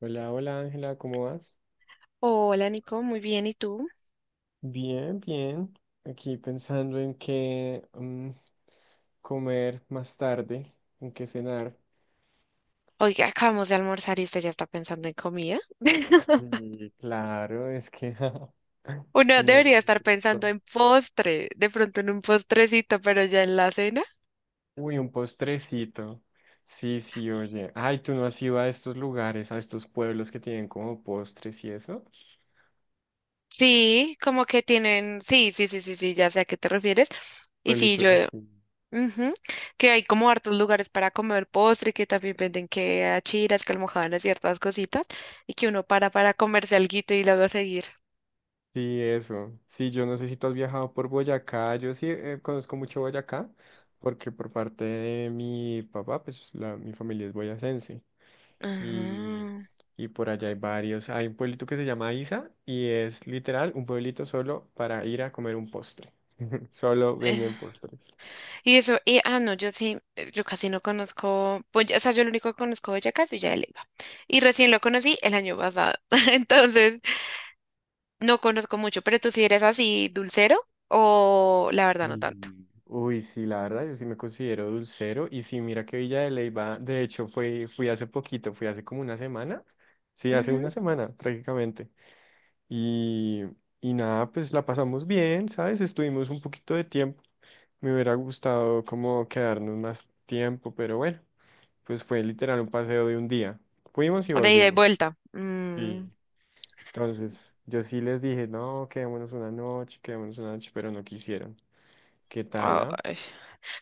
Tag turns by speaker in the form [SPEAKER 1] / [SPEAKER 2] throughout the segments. [SPEAKER 1] Hola, hola Ángela, ¿cómo vas?
[SPEAKER 2] Hola Nico, muy bien, ¿y tú?
[SPEAKER 1] Bien, bien. Aquí pensando en qué comer más tarde, en qué cenar.
[SPEAKER 2] Oiga, acabamos de almorzar y usted ya está pensando en comida.
[SPEAKER 1] Sí, claro, es que
[SPEAKER 2] Uno
[SPEAKER 1] comer
[SPEAKER 2] debería estar pensando
[SPEAKER 1] rico.
[SPEAKER 2] en postre, de pronto en un postrecito, pero ya en la cena.
[SPEAKER 1] Uy, un postrecito. Sí, sí, oye. Ay, ¿tú no has ido a estos lugares, a estos pueblos que tienen como postres y eso?
[SPEAKER 2] Sí, como que tienen, sí, sí, sí, sí, sí, ya sé a qué te refieres. Y sí,
[SPEAKER 1] Pueblitos
[SPEAKER 2] yo,
[SPEAKER 1] así.
[SPEAKER 2] ujú, que hay como hartos lugares para comer postre, que también venden que achiras, que almojábanas, ciertas cositas, y que uno para comerse alguito y luego seguir.
[SPEAKER 1] Sí, eso. Sí, yo no sé si tú has viajado por Boyacá. Yo sí, conozco mucho Boyacá porque por parte de mi papá, pues la, mi familia es boyacense. Y,
[SPEAKER 2] Ajá.
[SPEAKER 1] y por allá hay varios. Hay un pueblito que se llama Isa y es literal un pueblito solo para ir a comer un postre. Solo venden postres.
[SPEAKER 2] Y eso, y no, yo sí, yo casi no conozco, pues, ya- o sea, yo lo único que conozco de Boyacá es Villa de Leyva. Y recién lo conocí el año pasado. Entonces, no conozco mucho. ¿Pero tú sí eres así dulcero o la verdad no tanto?
[SPEAKER 1] Y, uy, sí, la verdad, yo sí me considero dulcero. Y sí, mira que Villa de Leyva, de hecho, fui hace poquito, fui hace como una semana. Sí, hace una
[SPEAKER 2] Ujú.
[SPEAKER 1] semana prácticamente. Y, y nada, pues la pasamos bien, ¿sabes? Estuvimos un poquito de tiempo. Me hubiera gustado como quedarnos más tiempo, pero bueno, pues fue literal un paseo de un día. Fuimos y
[SPEAKER 2] O de ida y
[SPEAKER 1] volvimos.
[SPEAKER 2] vuelta.
[SPEAKER 1] Sí. Entonces, yo sí les dije, no, quedémonos una noche, pero no quisieron. ¿Qué tal, ah?
[SPEAKER 2] Ay.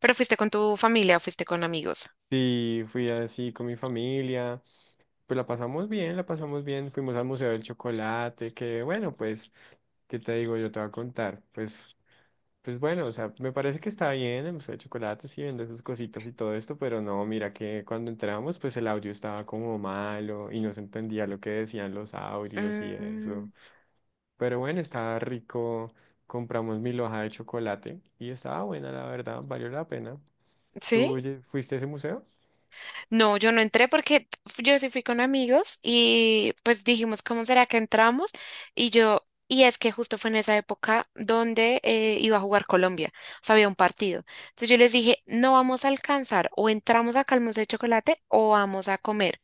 [SPEAKER 2] ¿Pero fuiste con tu familia o fuiste con amigos?
[SPEAKER 1] Sí, fui así con mi familia. Pues la pasamos bien, la pasamos bien. Fuimos al Museo del Chocolate, que bueno, pues, ¿qué te digo? Yo te voy a contar. Pues bueno, o sea, me parece que está bien el museo de chocolates y vende sus cositas y todo esto, pero no, mira que cuando entramos, pues el audio estaba como malo y no se entendía lo que decían los audios y eso.
[SPEAKER 2] Mm.
[SPEAKER 1] Pero bueno, estaba rico. Compramos mil hojas de chocolate y estaba buena, la verdad, valió la pena.
[SPEAKER 2] ¿Sí?
[SPEAKER 1] ¿Tú fuiste a ese museo?
[SPEAKER 2] No, yo no entré porque yo sí fui con amigos y pues dijimos, ¿cómo será que entramos? Y yo, y es que justo fue en esa época donde iba a jugar Colombia, o sea, había un partido. Entonces yo les dije, no vamos a alcanzar, o entramos a calmos de chocolate o vamos a comer,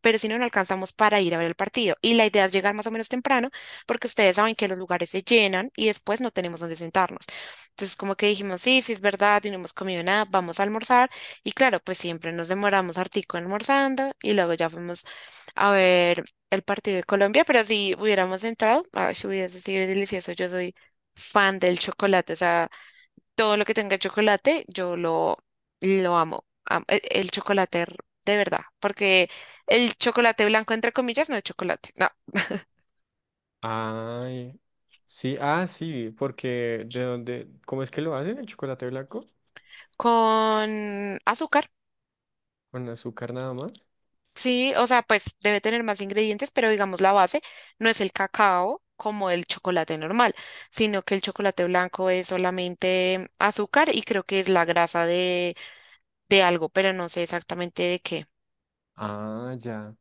[SPEAKER 2] pero si no, no alcanzamos para ir a ver el partido. Y la idea es llegar más o menos temprano, porque ustedes saben que los lugares se llenan y después no tenemos dónde sentarnos. Entonces, como que dijimos, sí, sí es verdad, y no hemos comido nada, vamos a almorzar. Y claro, pues siempre nos demoramos hartico almorzando y luego ya fuimos a ver el partido de Colombia, pero si hubiéramos entrado, ay, si hubiese sido delicioso. Yo soy fan del chocolate, o sea, todo lo que tenga chocolate, yo lo amo. Am- e- El, chocolate r- de verdad, porque el chocolate blanco, entre comillas, no es chocolate, no.
[SPEAKER 1] Ay, sí, ah, sí, porque de dónde, ¿cómo es que lo hacen el chocolate blanco?
[SPEAKER 2] Con azúcar,
[SPEAKER 1] Con azúcar nada más.
[SPEAKER 2] sí, o sea, pues debe tener más ingredientes, pero digamos la base no es el cacao como el chocolate normal, sino que el chocolate blanco es solamente azúcar y creo que es la grasa de algo, pero no sé exactamente de qué.
[SPEAKER 1] Ah, ya.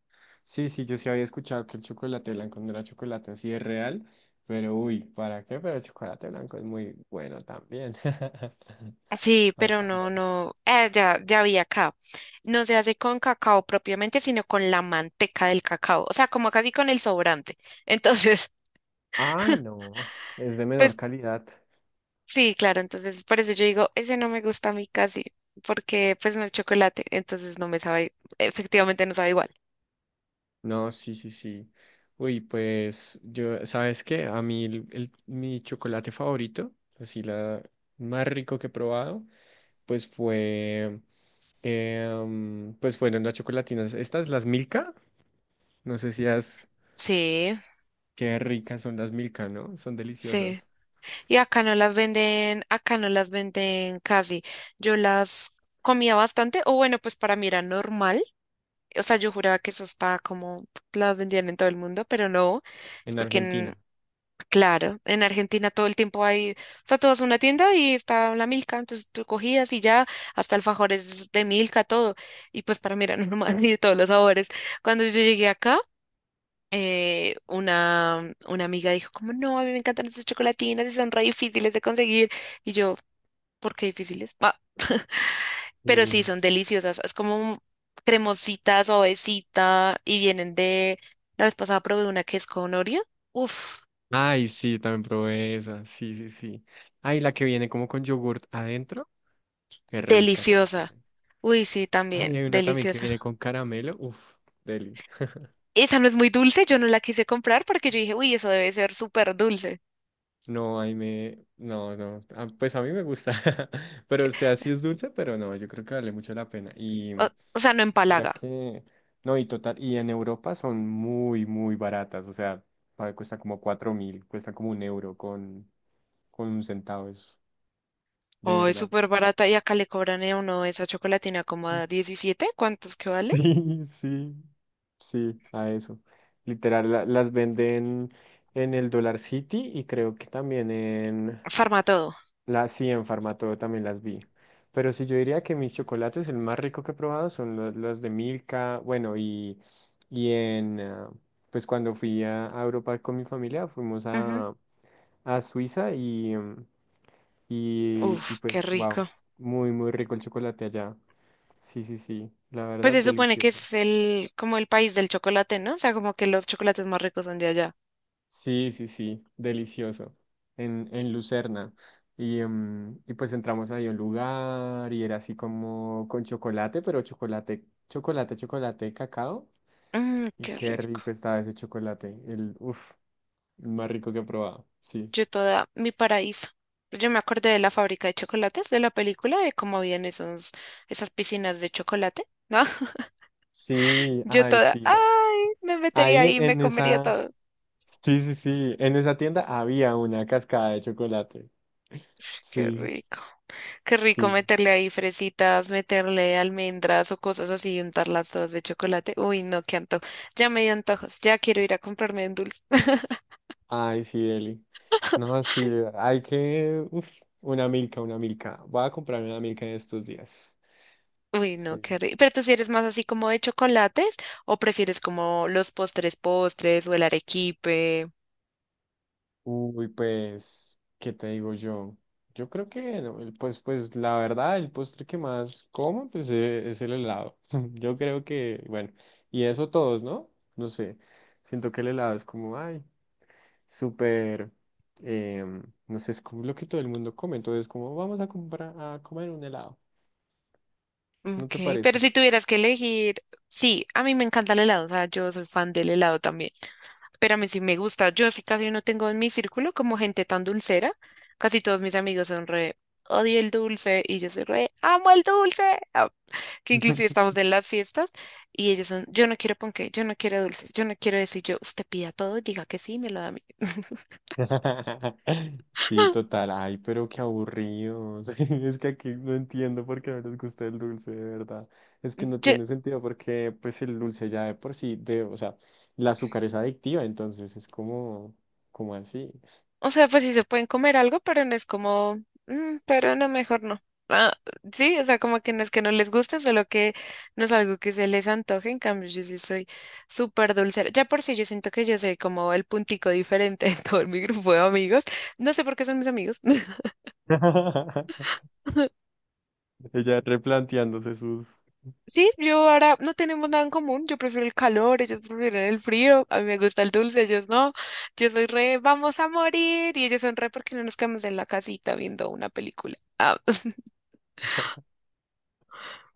[SPEAKER 1] Sí, sí, yo sí había escuchado que el chocolate blanco no era chocolate, así es real, pero uy, ¿para qué? Pero el chocolate blanco es muy bueno también.
[SPEAKER 2] Sí,
[SPEAKER 1] Ay,
[SPEAKER 2] pero no,
[SPEAKER 1] también.
[SPEAKER 2] no, ya, ya vi acá. No se hace con cacao propiamente, sino con la manteca del cacao, o sea, como casi con el sobrante. Entonces,
[SPEAKER 1] Ah, no, es de menor
[SPEAKER 2] pues
[SPEAKER 1] calidad.
[SPEAKER 2] sí, claro, entonces por eso yo digo, ese no me gusta a mí casi, porque pues no es chocolate, entonces no me sabe, efectivamente no sabe igual.
[SPEAKER 1] No, sí, sí, sí. Uy, pues yo, ¿sabes qué? A mí mi chocolate favorito, así la más rico que he probado, pues fue, pues fueron las chocolatinas. Estas, las Milka, no sé si has...
[SPEAKER 2] Sí,
[SPEAKER 1] Qué ricas son las Milka, ¿no? Son
[SPEAKER 2] sí.
[SPEAKER 1] deliciosas.
[SPEAKER 2] Y acá no las venden, acá no las venden casi. Yo las comía bastante, o bueno, pues para mí era normal. O sea, yo juraba que eso estaba como, las vendían en todo el mundo, pero no, es
[SPEAKER 1] En
[SPEAKER 2] porque,
[SPEAKER 1] Argentina.
[SPEAKER 2] en- claro, en Argentina todo el tiempo hay, o sea, tú vas a una tienda y está la Milka, entonces tú cogías y ya, hasta alfajores de Milka, todo, y pues para mí era normal y de todos los sabores. Cuando yo llegué acá, una amiga dijo como, no, a mí me encantan esas chocolatinas y son re difíciles de conseguir, y yo, ¿por qué difíciles? Ah. Pero sí,
[SPEAKER 1] Sí.
[SPEAKER 2] son deliciosas. Es como cremosita, suavecita y vienen de… La vez pasada probé una que es con Oreo. Uf,
[SPEAKER 1] Ay, sí, también probé esa. Sí, sí, sí. Ay, la que viene como con yogurt adentro. Qué rica
[SPEAKER 2] deliciosa.
[SPEAKER 1] también.
[SPEAKER 2] Uy, sí, también,
[SPEAKER 1] Ay, hay una también que viene
[SPEAKER 2] deliciosa.
[SPEAKER 1] con caramelo. Uf, deli.
[SPEAKER 2] Esa no es muy dulce, yo no la quise comprar porque yo dije, uy, eso debe ser súper dulce.
[SPEAKER 1] No, ahí me... No, no. Ah, pues a mí me gusta. Pero, o sea, sí es dulce, pero no, yo creo que vale mucho la pena. Y
[SPEAKER 2] O, o sea, no
[SPEAKER 1] mira
[SPEAKER 2] empalaga.
[SPEAKER 1] que... No, y total, y en Europa son muy, muy baratas. O sea, a ver, cuesta como 4.000, cuesta como un euro con un centavo, eso. De
[SPEAKER 2] Oh, es
[SPEAKER 1] verdad.
[SPEAKER 2] súper barata y acá le cobran a uno esa chocolatina como a 17, ¿cuántos que vale?
[SPEAKER 1] Sí, sí, sí, a eso. Literal, las venden en el Dollar City y creo que también en...
[SPEAKER 2] Farmatodo.
[SPEAKER 1] La, sí, en Farmatodo también las vi. Pero sí, yo diría que mis chocolates, el más rico que he probado son los de Milka. Bueno, y en, ah, pues cuando fui a Europa con mi familia, fuimos
[SPEAKER 2] Ujú.
[SPEAKER 1] a Suiza y, y
[SPEAKER 2] Uf, qué
[SPEAKER 1] pues, wow,
[SPEAKER 2] rico.
[SPEAKER 1] muy, muy rico el chocolate allá. Sí, sí, sí, la
[SPEAKER 2] Pues
[SPEAKER 1] verdad,
[SPEAKER 2] se supone que
[SPEAKER 1] delicioso.
[SPEAKER 2] es el, como el país del chocolate, ¿no? O sea, como que los chocolates más ricos son de allá.
[SPEAKER 1] Sí, sí, sí, delicioso, en Lucerna. Y, y pues entramos ahí a un lugar y era así como con chocolate, pero chocolate, chocolate, chocolate, cacao.
[SPEAKER 2] Mmm,
[SPEAKER 1] Y
[SPEAKER 2] qué
[SPEAKER 1] qué
[SPEAKER 2] rico.
[SPEAKER 1] rico estaba ese chocolate, el, uf, el más rico que he probado, sí.
[SPEAKER 2] Yo toda mi paraíso. Yo me acordé de la fábrica de chocolates de la película, de cómo habían esos, esas piscinas de chocolate, ¿no?
[SPEAKER 1] Sí,
[SPEAKER 2] Yo
[SPEAKER 1] ay,
[SPEAKER 2] toda,
[SPEAKER 1] sí.
[SPEAKER 2] ay, me metería
[SPEAKER 1] Ahí
[SPEAKER 2] ahí, me
[SPEAKER 1] en
[SPEAKER 2] comería
[SPEAKER 1] esa,
[SPEAKER 2] todo.
[SPEAKER 1] sí, sí, sí, en esa tienda había una cascada de chocolate.
[SPEAKER 2] Qué
[SPEAKER 1] Sí,
[SPEAKER 2] rico. Qué rico
[SPEAKER 1] sí.
[SPEAKER 2] meterle ahí fresitas, meterle almendras o cosas así y untarlas todas de chocolate. Uy, no, qué antojo. Ya me dio antojos. Ya quiero ir a comprarme un dulce.
[SPEAKER 1] Ay, sí, Eli. No, sí, hay que... Uf, una milka, una milka. Voy a comprar una milka en estos días.
[SPEAKER 2] Uy, no,
[SPEAKER 1] Sí.
[SPEAKER 2] qué rico. ¿Pero tú si eres más así como de chocolates o prefieres como los postres postres o el arequipe?
[SPEAKER 1] Uy, pues, ¿qué te digo yo? Yo creo que, no, pues, pues, la verdad, el postre que más como, pues, es el helado. Yo creo que, bueno, y eso todos, ¿no? No sé. Siento que el helado es como, ay, súper, no sé, es como lo que todo el mundo come. Entonces, como, vamos a comprar, a comer un helado. ¿No te
[SPEAKER 2] Ok, pero
[SPEAKER 1] parece?
[SPEAKER 2] si tuvieras que elegir, sí, a mí me encanta el helado, o sea, yo soy fan del helado también, pero a mí sí me gusta, yo sí casi no tengo en mi círculo como gente tan dulcera, casi todos mis amigos son re, odio el dulce y yo soy re, amo el dulce. Ah, que inclusive estamos en las fiestas y ellos son, yo no quiero ponqué, yo no quiero dulce, yo no quiero decir yo, usted pida todo, diga que sí, me lo da a mí.
[SPEAKER 1] Sí, total. Ay, pero qué aburridos. Es que aquí no entiendo por qué no les gusta el dulce, de verdad. Es que no
[SPEAKER 2] Yo-
[SPEAKER 1] tiene sentido porque pues el dulce ya de por sí, de, o sea, el azúcar es adictiva, entonces es como, como así.
[SPEAKER 2] O sea, pues sí se pueden comer algo, pero no es como, "Mm, pero no, mejor no". Ah, sí, o sea, como que no es que no les guste, solo que no es algo que se les antoje. En cambio, yo sí soy súper dulcera. Ya por sí, yo siento que yo soy como el puntico diferente en todo mi grupo de amigos. No sé por qué son mis amigos.
[SPEAKER 1] Ella replanteándose sus...
[SPEAKER 2] Sí, yo ahora no tenemos nada en común. Yo prefiero el calor, ellos prefieren el frío. A mí me gusta el dulce, ellos no. Yo soy re, vamos a morir. Y ellos son re porque no nos quedamos en la casita viendo una película. Ah.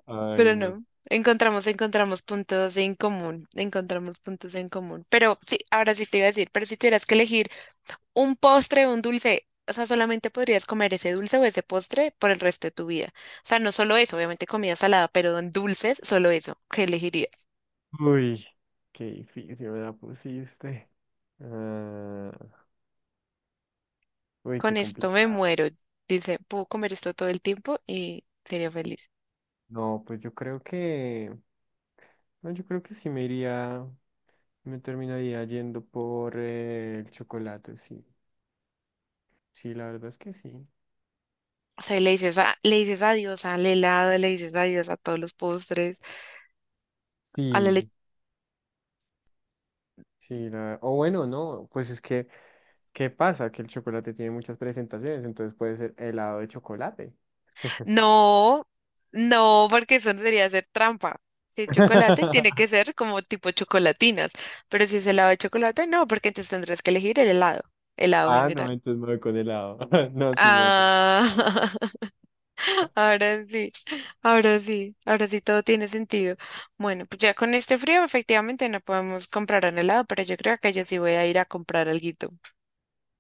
[SPEAKER 1] Ay,
[SPEAKER 2] Pero
[SPEAKER 1] no.
[SPEAKER 2] no, encontramos puntos en común, encontramos puntos en común. Pero sí, ahora sí te iba a decir, pero si tuvieras que elegir un postre o un dulce, o sea, solamente podrías comer ese dulce o ese postre por el resto de tu vida. O sea, no solo eso, obviamente comida salada, pero en dulces, solo eso, ¿qué elegirías?
[SPEAKER 1] Uy, qué difícil me la pusiste. Ah, uy, qué
[SPEAKER 2] Con esto me
[SPEAKER 1] complicado.
[SPEAKER 2] muero. Dice, puedo comer esto todo el tiempo y sería feliz.
[SPEAKER 1] No, pues yo creo que... No, yo creo que sí me iría, me terminaría yendo por el chocolate, sí. Sí, la verdad es que sí.
[SPEAKER 2] O sea, le dices, a- le dices adiós al helado, le dices adiós a todos los postres, a la…
[SPEAKER 1] Sí, sí, la... o bueno, no, pues es que, ¿qué pasa? Que el chocolate tiene muchas presentaciones, entonces puede ser helado de chocolate.
[SPEAKER 2] No, no, porque eso sería hacer trampa. Si es chocolate, tiene que ser como tipo chocolatinas. Pero si es helado de chocolate, no, porque entonces tendrás que elegir el helado, helado
[SPEAKER 1] Ah,
[SPEAKER 2] general.
[SPEAKER 1] no, entonces me voy con helado. No, sí me voy con helado.
[SPEAKER 2] Ah, ahora sí, ahora sí, ahora sí todo tiene sentido. Bueno, pues ya con este frío efectivamente no podemos comprar un helado, pero yo creo que yo sí voy a ir a comprar alguito.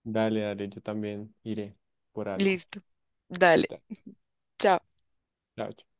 [SPEAKER 1] Dale, dale, yo también iré por algo.
[SPEAKER 2] Listo, dale,
[SPEAKER 1] Da-
[SPEAKER 2] chao.
[SPEAKER 1] Chao, chao.